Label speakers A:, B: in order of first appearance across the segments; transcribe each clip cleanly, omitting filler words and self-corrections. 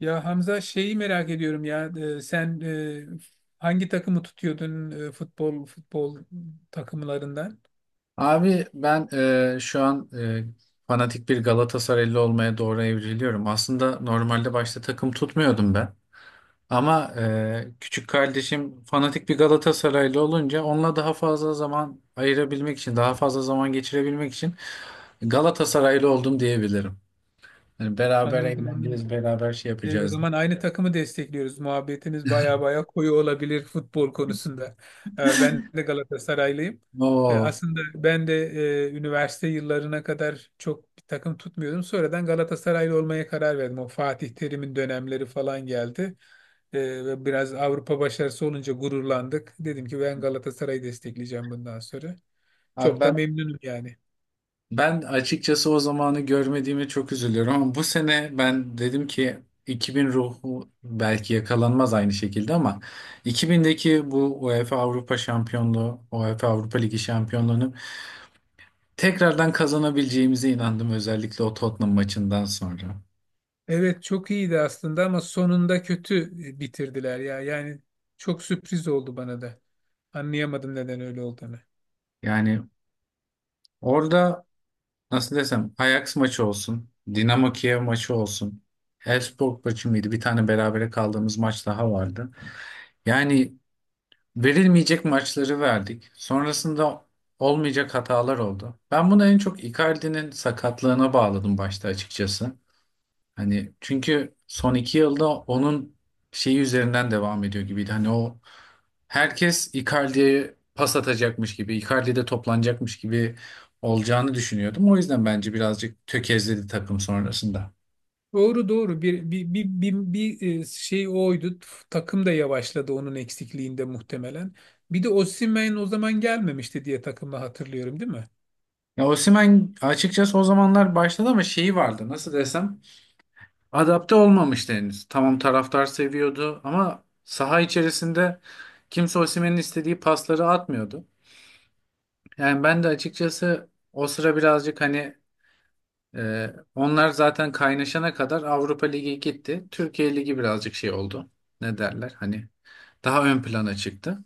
A: Ya Hamza, şeyi merak ediyorum ya, sen hangi takımı tutuyordun futbol takımlarından?
B: Abi ben şu an fanatik bir Galatasaraylı olmaya doğru evriliyorum. Aslında normalde başta takım tutmuyordum ben. Ama küçük kardeşim fanatik bir Galatasaraylı olunca onunla daha fazla zaman ayırabilmek için, daha fazla zaman geçirebilmek için Galatasaraylı oldum diyebilirim. Yani beraber
A: Anladım, anladım.
B: eğleneceğiz, beraber şey
A: O
B: yapacağız.
A: zaman aynı takımı destekliyoruz. Muhabbetiniz baya baya koyu olabilir futbol konusunda. Ben de Galatasaraylıyım. E,
B: Oo.
A: aslında ben de üniversite yıllarına kadar çok bir takım tutmuyordum. Sonradan Galatasaraylı olmaya karar verdim. O Fatih Terim'in dönemleri falan geldi. E, ve biraz Avrupa başarısı olunca gururlandık. Dedim ki ben Galatasaray'ı destekleyeceğim bundan sonra.
B: Abi
A: Çok da
B: ben
A: memnunum yani.
B: Ben açıkçası o zamanı görmediğime çok üzülüyorum, ama bu sene ben dedim ki 2000 ruhu belki yakalanmaz aynı şekilde, ama 2000'deki bu UEFA Avrupa Şampiyonluğu, UEFA Avrupa Ligi şampiyonluğunu tekrardan kazanabileceğimize inandım, özellikle o Tottenham maçından sonra.
A: Evet, çok iyiydi aslında ama sonunda kötü bitirdiler ya. Yani çok sürpriz oldu bana da. Anlayamadım neden öyle olduğunu.
B: Yani orada nasıl desem, Ajax maçı olsun, Dinamo Kiev maçı olsun, Elfsborg maçı mıydı? Bir tane berabere kaldığımız maç daha vardı. Yani verilmeyecek maçları verdik. Sonrasında olmayacak hatalar oldu. Ben bunu en çok Icardi'nin sakatlığına bağladım başta açıkçası. Hani çünkü son iki yılda onun şeyi üzerinden devam ediyor gibiydi. Hani o, herkes Icardi'ye pas atacakmış gibi, Icardi'de toplanacakmış gibi olacağını düşünüyordum. O yüzden bence birazcık tökezledi takım sonrasında.
A: Doğru doğru, bir şey oydu. Takım da yavaşladı onun eksikliğinde muhtemelen. Bir de Osimhen o zaman gelmemişti diye takımı hatırlıyorum, değil mi?
B: Ya Osimhen açıkçası o zamanlar başladı, ama şeyi vardı, nasıl desem, adapte olmamıştı henüz. Tamam, taraftar seviyordu, ama saha içerisinde kimse Osimhen'in istediği pasları atmıyordu. Yani ben de açıkçası o sıra birazcık hani, onlar zaten kaynaşana kadar Avrupa Ligi gitti. Türkiye Ligi birazcık şey oldu. Ne derler hani, daha ön plana çıktı.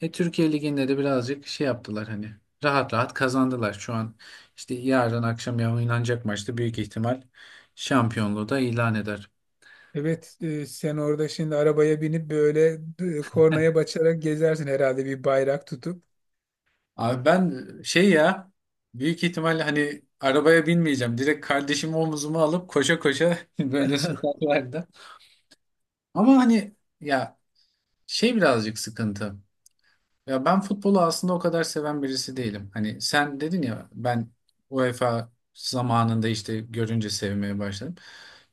B: Türkiye Ligi'nde de birazcık şey yaptılar, hani rahat rahat kazandılar. Şu an işte yarın akşam oynanacak maçta büyük ihtimal şampiyonluğu da ilan eder.
A: Evet, sen orada şimdi arabaya binip böyle kornaya basarak gezersin herhalde bir bayrak tutup.
B: Abi ben, şey ya, büyük ihtimalle hani arabaya binmeyeceğim. Direkt kardeşimi omuzuma alıp koşa koşa böyle sokaklarda. Ama hani ya, şey birazcık sıkıntı. Ya ben futbolu aslında o kadar seven birisi değilim. Hani sen dedin ya, ben UEFA zamanında işte görünce sevmeye başladım.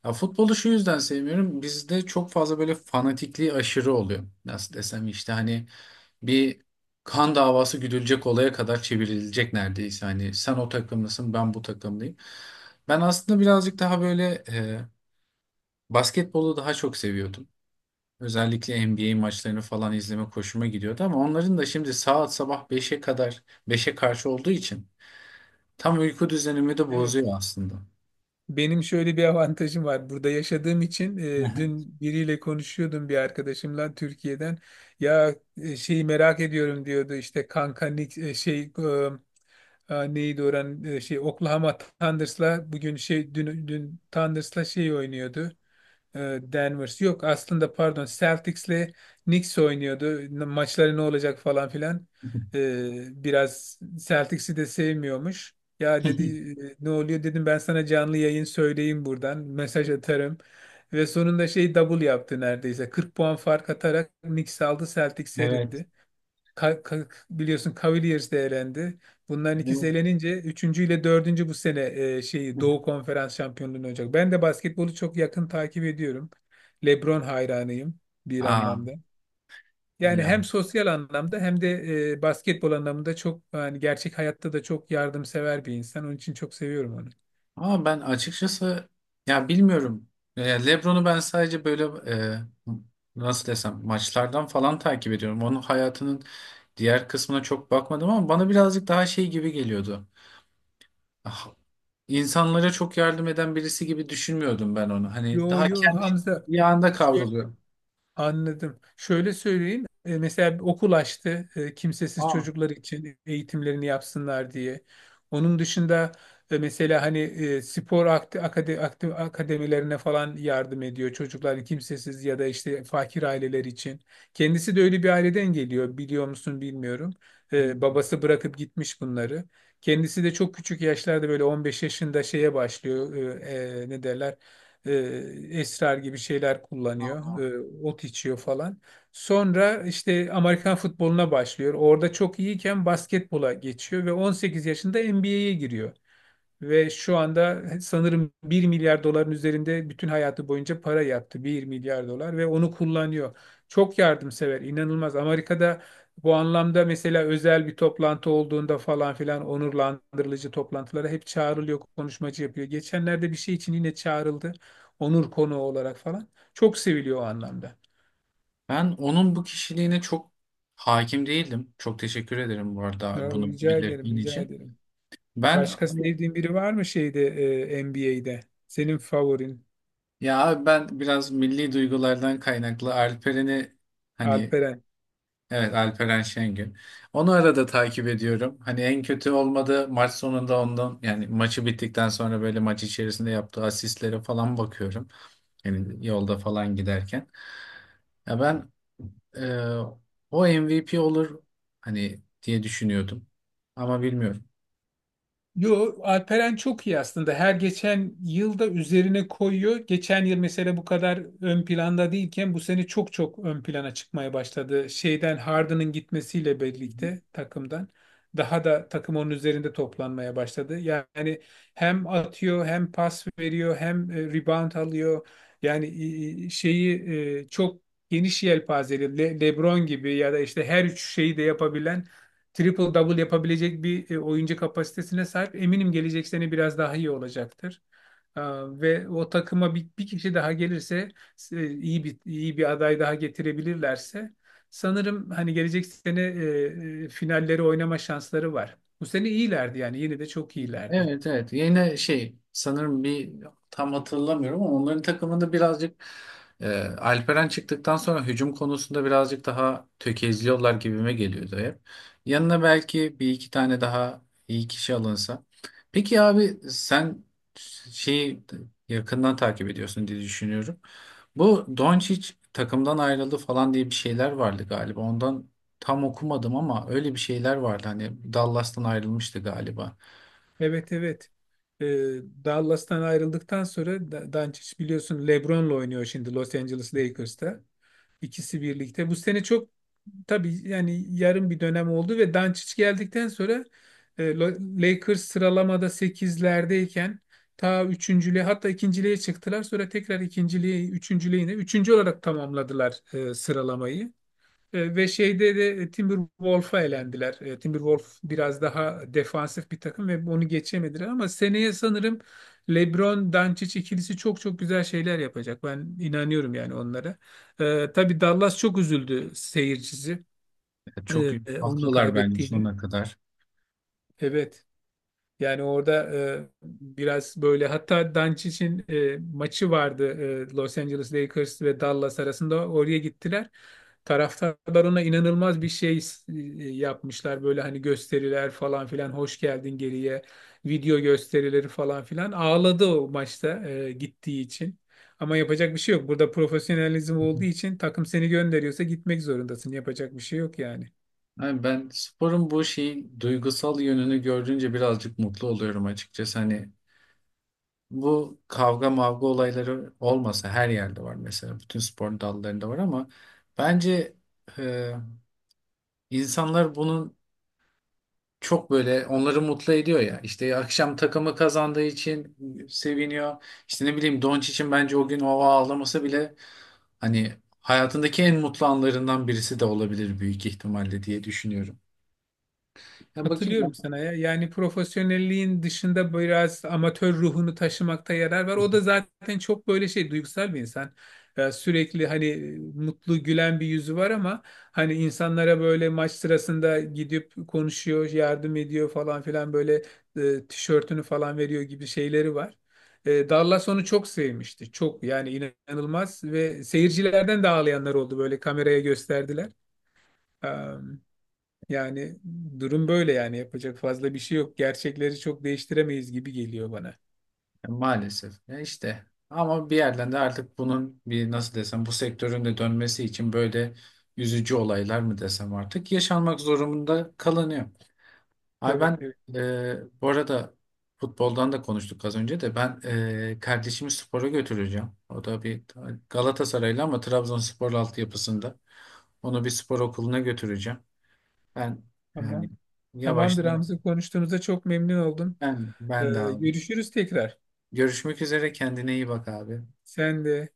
B: Ya futbolu şu yüzden sevmiyorum. Bizde çok fazla böyle fanatikliği aşırı oluyor. Nasıl desem, işte hani bir kan davası güdülecek olaya kadar çevrilecek neredeyse. Hani sen o takımlısın, ben bu takımlıyım. Ben aslında birazcık daha böyle, basketbolu daha çok seviyordum. Özellikle NBA maçlarını falan izleme hoşuma gidiyordu, ama onların da şimdi saat sabah beşe kadar, beşe karşı olduğu için tam uyku düzenimi de bozuyor
A: Evet.
B: aslında.
A: Benim şöyle bir avantajım var. Burada yaşadığım için dün biriyle konuşuyordum bir arkadaşımla Türkiye'den. Ya, şeyi merak ediyorum diyordu işte kanka, şey, neydi oran, şey Oklahoma Thunders'la bugün şey dün Thunders'la şey oynuyordu, Denvers, yok aslında pardon, Celtics'le Knicks oynuyordu. Maçları ne olacak falan filan. Biraz Celtics'i de sevmiyormuş. Ya dedi, ne oluyor, dedim, ben sana canlı yayın söyleyeyim buradan mesaj atarım. Ve sonunda şey double yaptı neredeyse. 40 puan fark atarak Knicks aldı, Celtics
B: Evet.
A: eridi. Biliyorsun Cavaliers de elendi. Bunların ikisi
B: Evet.
A: elenince üçüncü ile dördüncü bu sene şeyi Doğu Konferans şampiyonluğunu olacak. Ben de basketbolu çok yakın takip ediyorum. LeBron hayranıyım bir
B: Aa
A: anlamda. Yani
B: ya.
A: hem sosyal anlamda hem de basketbol anlamında çok, yani gerçek hayatta da çok yardımsever bir insan. Onun için çok seviyorum onu.
B: Ama ben açıkçası, ya bilmiyorum. LeBron'u ben sadece böyle, e, nasıl desem, maçlardan falan takip ediyorum. Onun hayatının diğer kısmına çok bakmadım, ama bana birazcık daha şey gibi geliyordu. Ah, insanlara çok yardım eden birisi gibi düşünmüyordum ben onu. Hani
A: Yo
B: daha
A: yo
B: kendi
A: Hamza.
B: yağında kavruluyor.
A: Anladım. Şöyle söyleyeyim. Mesela bir okul açtı, kimsesiz
B: Aa.
A: çocuklar için eğitimlerini yapsınlar diye. Onun dışında mesela hani spor akademilerine falan yardım ediyor. Çocuklar kimsesiz ya da işte fakir aileler için. Kendisi de öyle bir aileden geliyor. Biliyor musun, bilmiyorum. E,
B: Hmm,
A: Babası bırakıp gitmiş bunları. Kendisi de çok küçük yaşlarda böyle 15 yaşında şeye başlıyor. E, Ne derler? e, esrar gibi şeyler kullanıyor,
B: aa.
A: ot içiyor falan. Sonra işte Amerikan futboluna başlıyor. Orada çok iyiyken basketbola geçiyor ve 18 yaşında NBA'ye giriyor. Ve şu anda sanırım 1 milyar doların üzerinde bütün hayatı boyunca para yaptı. 1 milyar dolar ve onu kullanıyor. Çok yardımsever, inanılmaz. Amerika'da bu anlamda mesela özel bir toplantı olduğunda falan filan onurlandırıcı toplantılara hep çağrılıyor, konuşmacı yapıyor. Geçenlerde bir şey için yine çağrıldı. Onur konuğu olarak falan. Çok seviliyor o anlamda.
B: Ben onun bu kişiliğine çok hakim değildim. Çok teşekkür ederim bu arada
A: Ya,
B: bunu
A: rica ederim,
B: belirttiğin
A: rica
B: için.
A: ederim.
B: Ben
A: Başka
B: hani,
A: sevdiğin biri var mı şeyde, NBA'de? Senin favorin,
B: ya abi, ben biraz milli duygulardan kaynaklı Alperen'i hani…
A: Alperen?
B: Evet, Alperen Şengün. Onu arada takip ediyorum. Hani en kötü olmadı maç sonunda ondan, yani maçı bittikten sonra böyle maç içerisinde yaptığı asistlere falan bakıyorum. Yani yolda falan giderken. Ya ben, e, o MVP olur hani diye düşünüyordum. Ama bilmiyorum.
A: Yo, Alperen çok iyi aslında. Her geçen yılda üzerine koyuyor. Geçen yıl mesela bu kadar ön planda değilken bu sene çok çok ön plana çıkmaya başladı. Şeyden Harden'ın gitmesiyle birlikte takımdan daha da takım onun üzerinde toplanmaya başladı. Yani hem atıyor, hem pas veriyor, hem rebound alıyor. Yani şeyi, çok geniş yelpazeli, LeBron gibi ya da işte her üç şeyi de yapabilen, triple double yapabilecek bir oyuncu kapasitesine sahip. Eminim gelecek sene biraz daha iyi olacaktır. Ve o takıma bir kişi daha gelirse, iyi bir aday daha getirebilirlerse sanırım hani gelecek sene finalleri oynama şansları var. Bu sene iyilerdi, yani yine de çok iyilerdi.
B: Evet, evet, yine şey sanırım bir tam hatırlamıyorum, ama onların takımında birazcık, Alperen çıktıktan sonra hücum konusunda birazcık daha tökezliyorlar gibime geliyordu hep. Yanına belki bir iki tane daha iyi kişi alınsa. Peki abi, sen şeyi yakından takip ediyorsun diye düşünüyorum. Bu Doncic takımdan ayrıldı falan diye bir şeyler vardı galiba. Ondan tam okumadım, ama öyle bir şeyler vardı. Hani Dallas'tan ayrılmıştı galiba.
A: Evet, evet. Ee, Dallas'tan ayrıldıktan sonra Doncic biliyorsun LeBron'la oynuyor şimdi Los Angeles Lakers'ta. İkisi birlikte. Bu sene çok, tabii yani yarım bir dönem oldu ve Doncic geldikten sonra Lakers sıralamada sekizlerdeyken, ta üçüncülüğe, hatta ikinciliğe çıktılar. Sonra tekrar ikinciliğe, üçüncülüğe, yine üçüncü olarak tamamladılar sıralamayı. Ve şeyde de Timberwolf'a elendiler. Timberwolf biraz daha defansif bir takım ve onu geçemediler ama seneye sanırım LeBron Doncic ikilisi çok çok güzel şeyler yapacak. Ben inanıyorum yani onlara. Tabii Dallas çok üzüldü seyircisi
B: Çok
A: e, onu
B: haklılar bence
A: kaybettiğini.
B: sonuna kadar.
A: Evet. Yani orada biraz böyle, hatta Doncic'in maçı vardı, Los Angeles Lakers ve Dallas arasında, oraya gittiler. Taraftarlar ona inanılmaz bir şey e, yapmışlar, böyle hani gösteriler falan filan, hoş geldin, geriye video gösterileri falan filan, ağladı o maçta gittiği için. Ama yapacak bir şey yok. Burada profesyonelizm olduğu için takım seni gönderiyorsa gitmek zorundasın. Yapacak bir şey yok yani.
B: Yani ben sporun bu şeyi, duygusal yönünü gördüğünce birazcık mutlu oluyorum açıkçası. Hani bu kavga mavga olayları olmasa, her yerde var mesela. Bütün spor dallarında var, ama bence e, insanlar bunun, çok böyle onları mutlu ediyor ya. İşte akşam takımı kazandığı için seviniyor. İşte ne bileyim için, bence o gün o ağlaması bile hani hayatındaki en mutlu anlarından birisi de olabilir büyük ihtimalle diye düşünüyorum. Ya bakayım
A: Katılıyorum
B: ben.
A: sana ya. Yani profesyonelliğin dışında biraz amatör ruhunu taşımakta yarar var. O da zaten çok böyle şey, duygusal bir insan. Ya sürekli hani mutlu gülen bir yüzü var ama hani insanlara böyle maç sırasında gidip konuşuyor, yardım ediyor falan filan, böyle tişörtünü falan veriyor gibi şeyleri var. Dallas onu çok sevmişti. Çok yani inanılmaz ve seyircilerden de ağlayanlar oldu, böyle kameraya gösterdiler. Yani durum böyle yani, yapacak fazla bir şey yok. Gerçekleri çok değiştiremeyiz gibi geliyor bana.
B: Ya maalesef. Ya işte, ama bir yerden de artık bunun bir, nasıl desem, bu sektörün de dönmesi için böyle üzücü olaylar mı desem artık, yaşanmak zorunda kalınıyor. Ay
A: Evet,
B: ben,
A: evet.
B: bu arada futboldan da konuştuk az önce, de ben kardeşimi spora götüreceğim. O da bir Galatasaraylı, ama Trabzonspor altyapısında. Onu bir spor okuluna götüreceğim. Ben yani
A: Tamam.
B: yavaş
A: Tamamdır Hamza. Konuştuğumuza çok memnun oldum.
B: ben
A: Ee,
B: ben de abi.
A: Görüşürüz tekrar.
B: Görüşmek üzere, kendine iyi bak abi.
A: Sen de.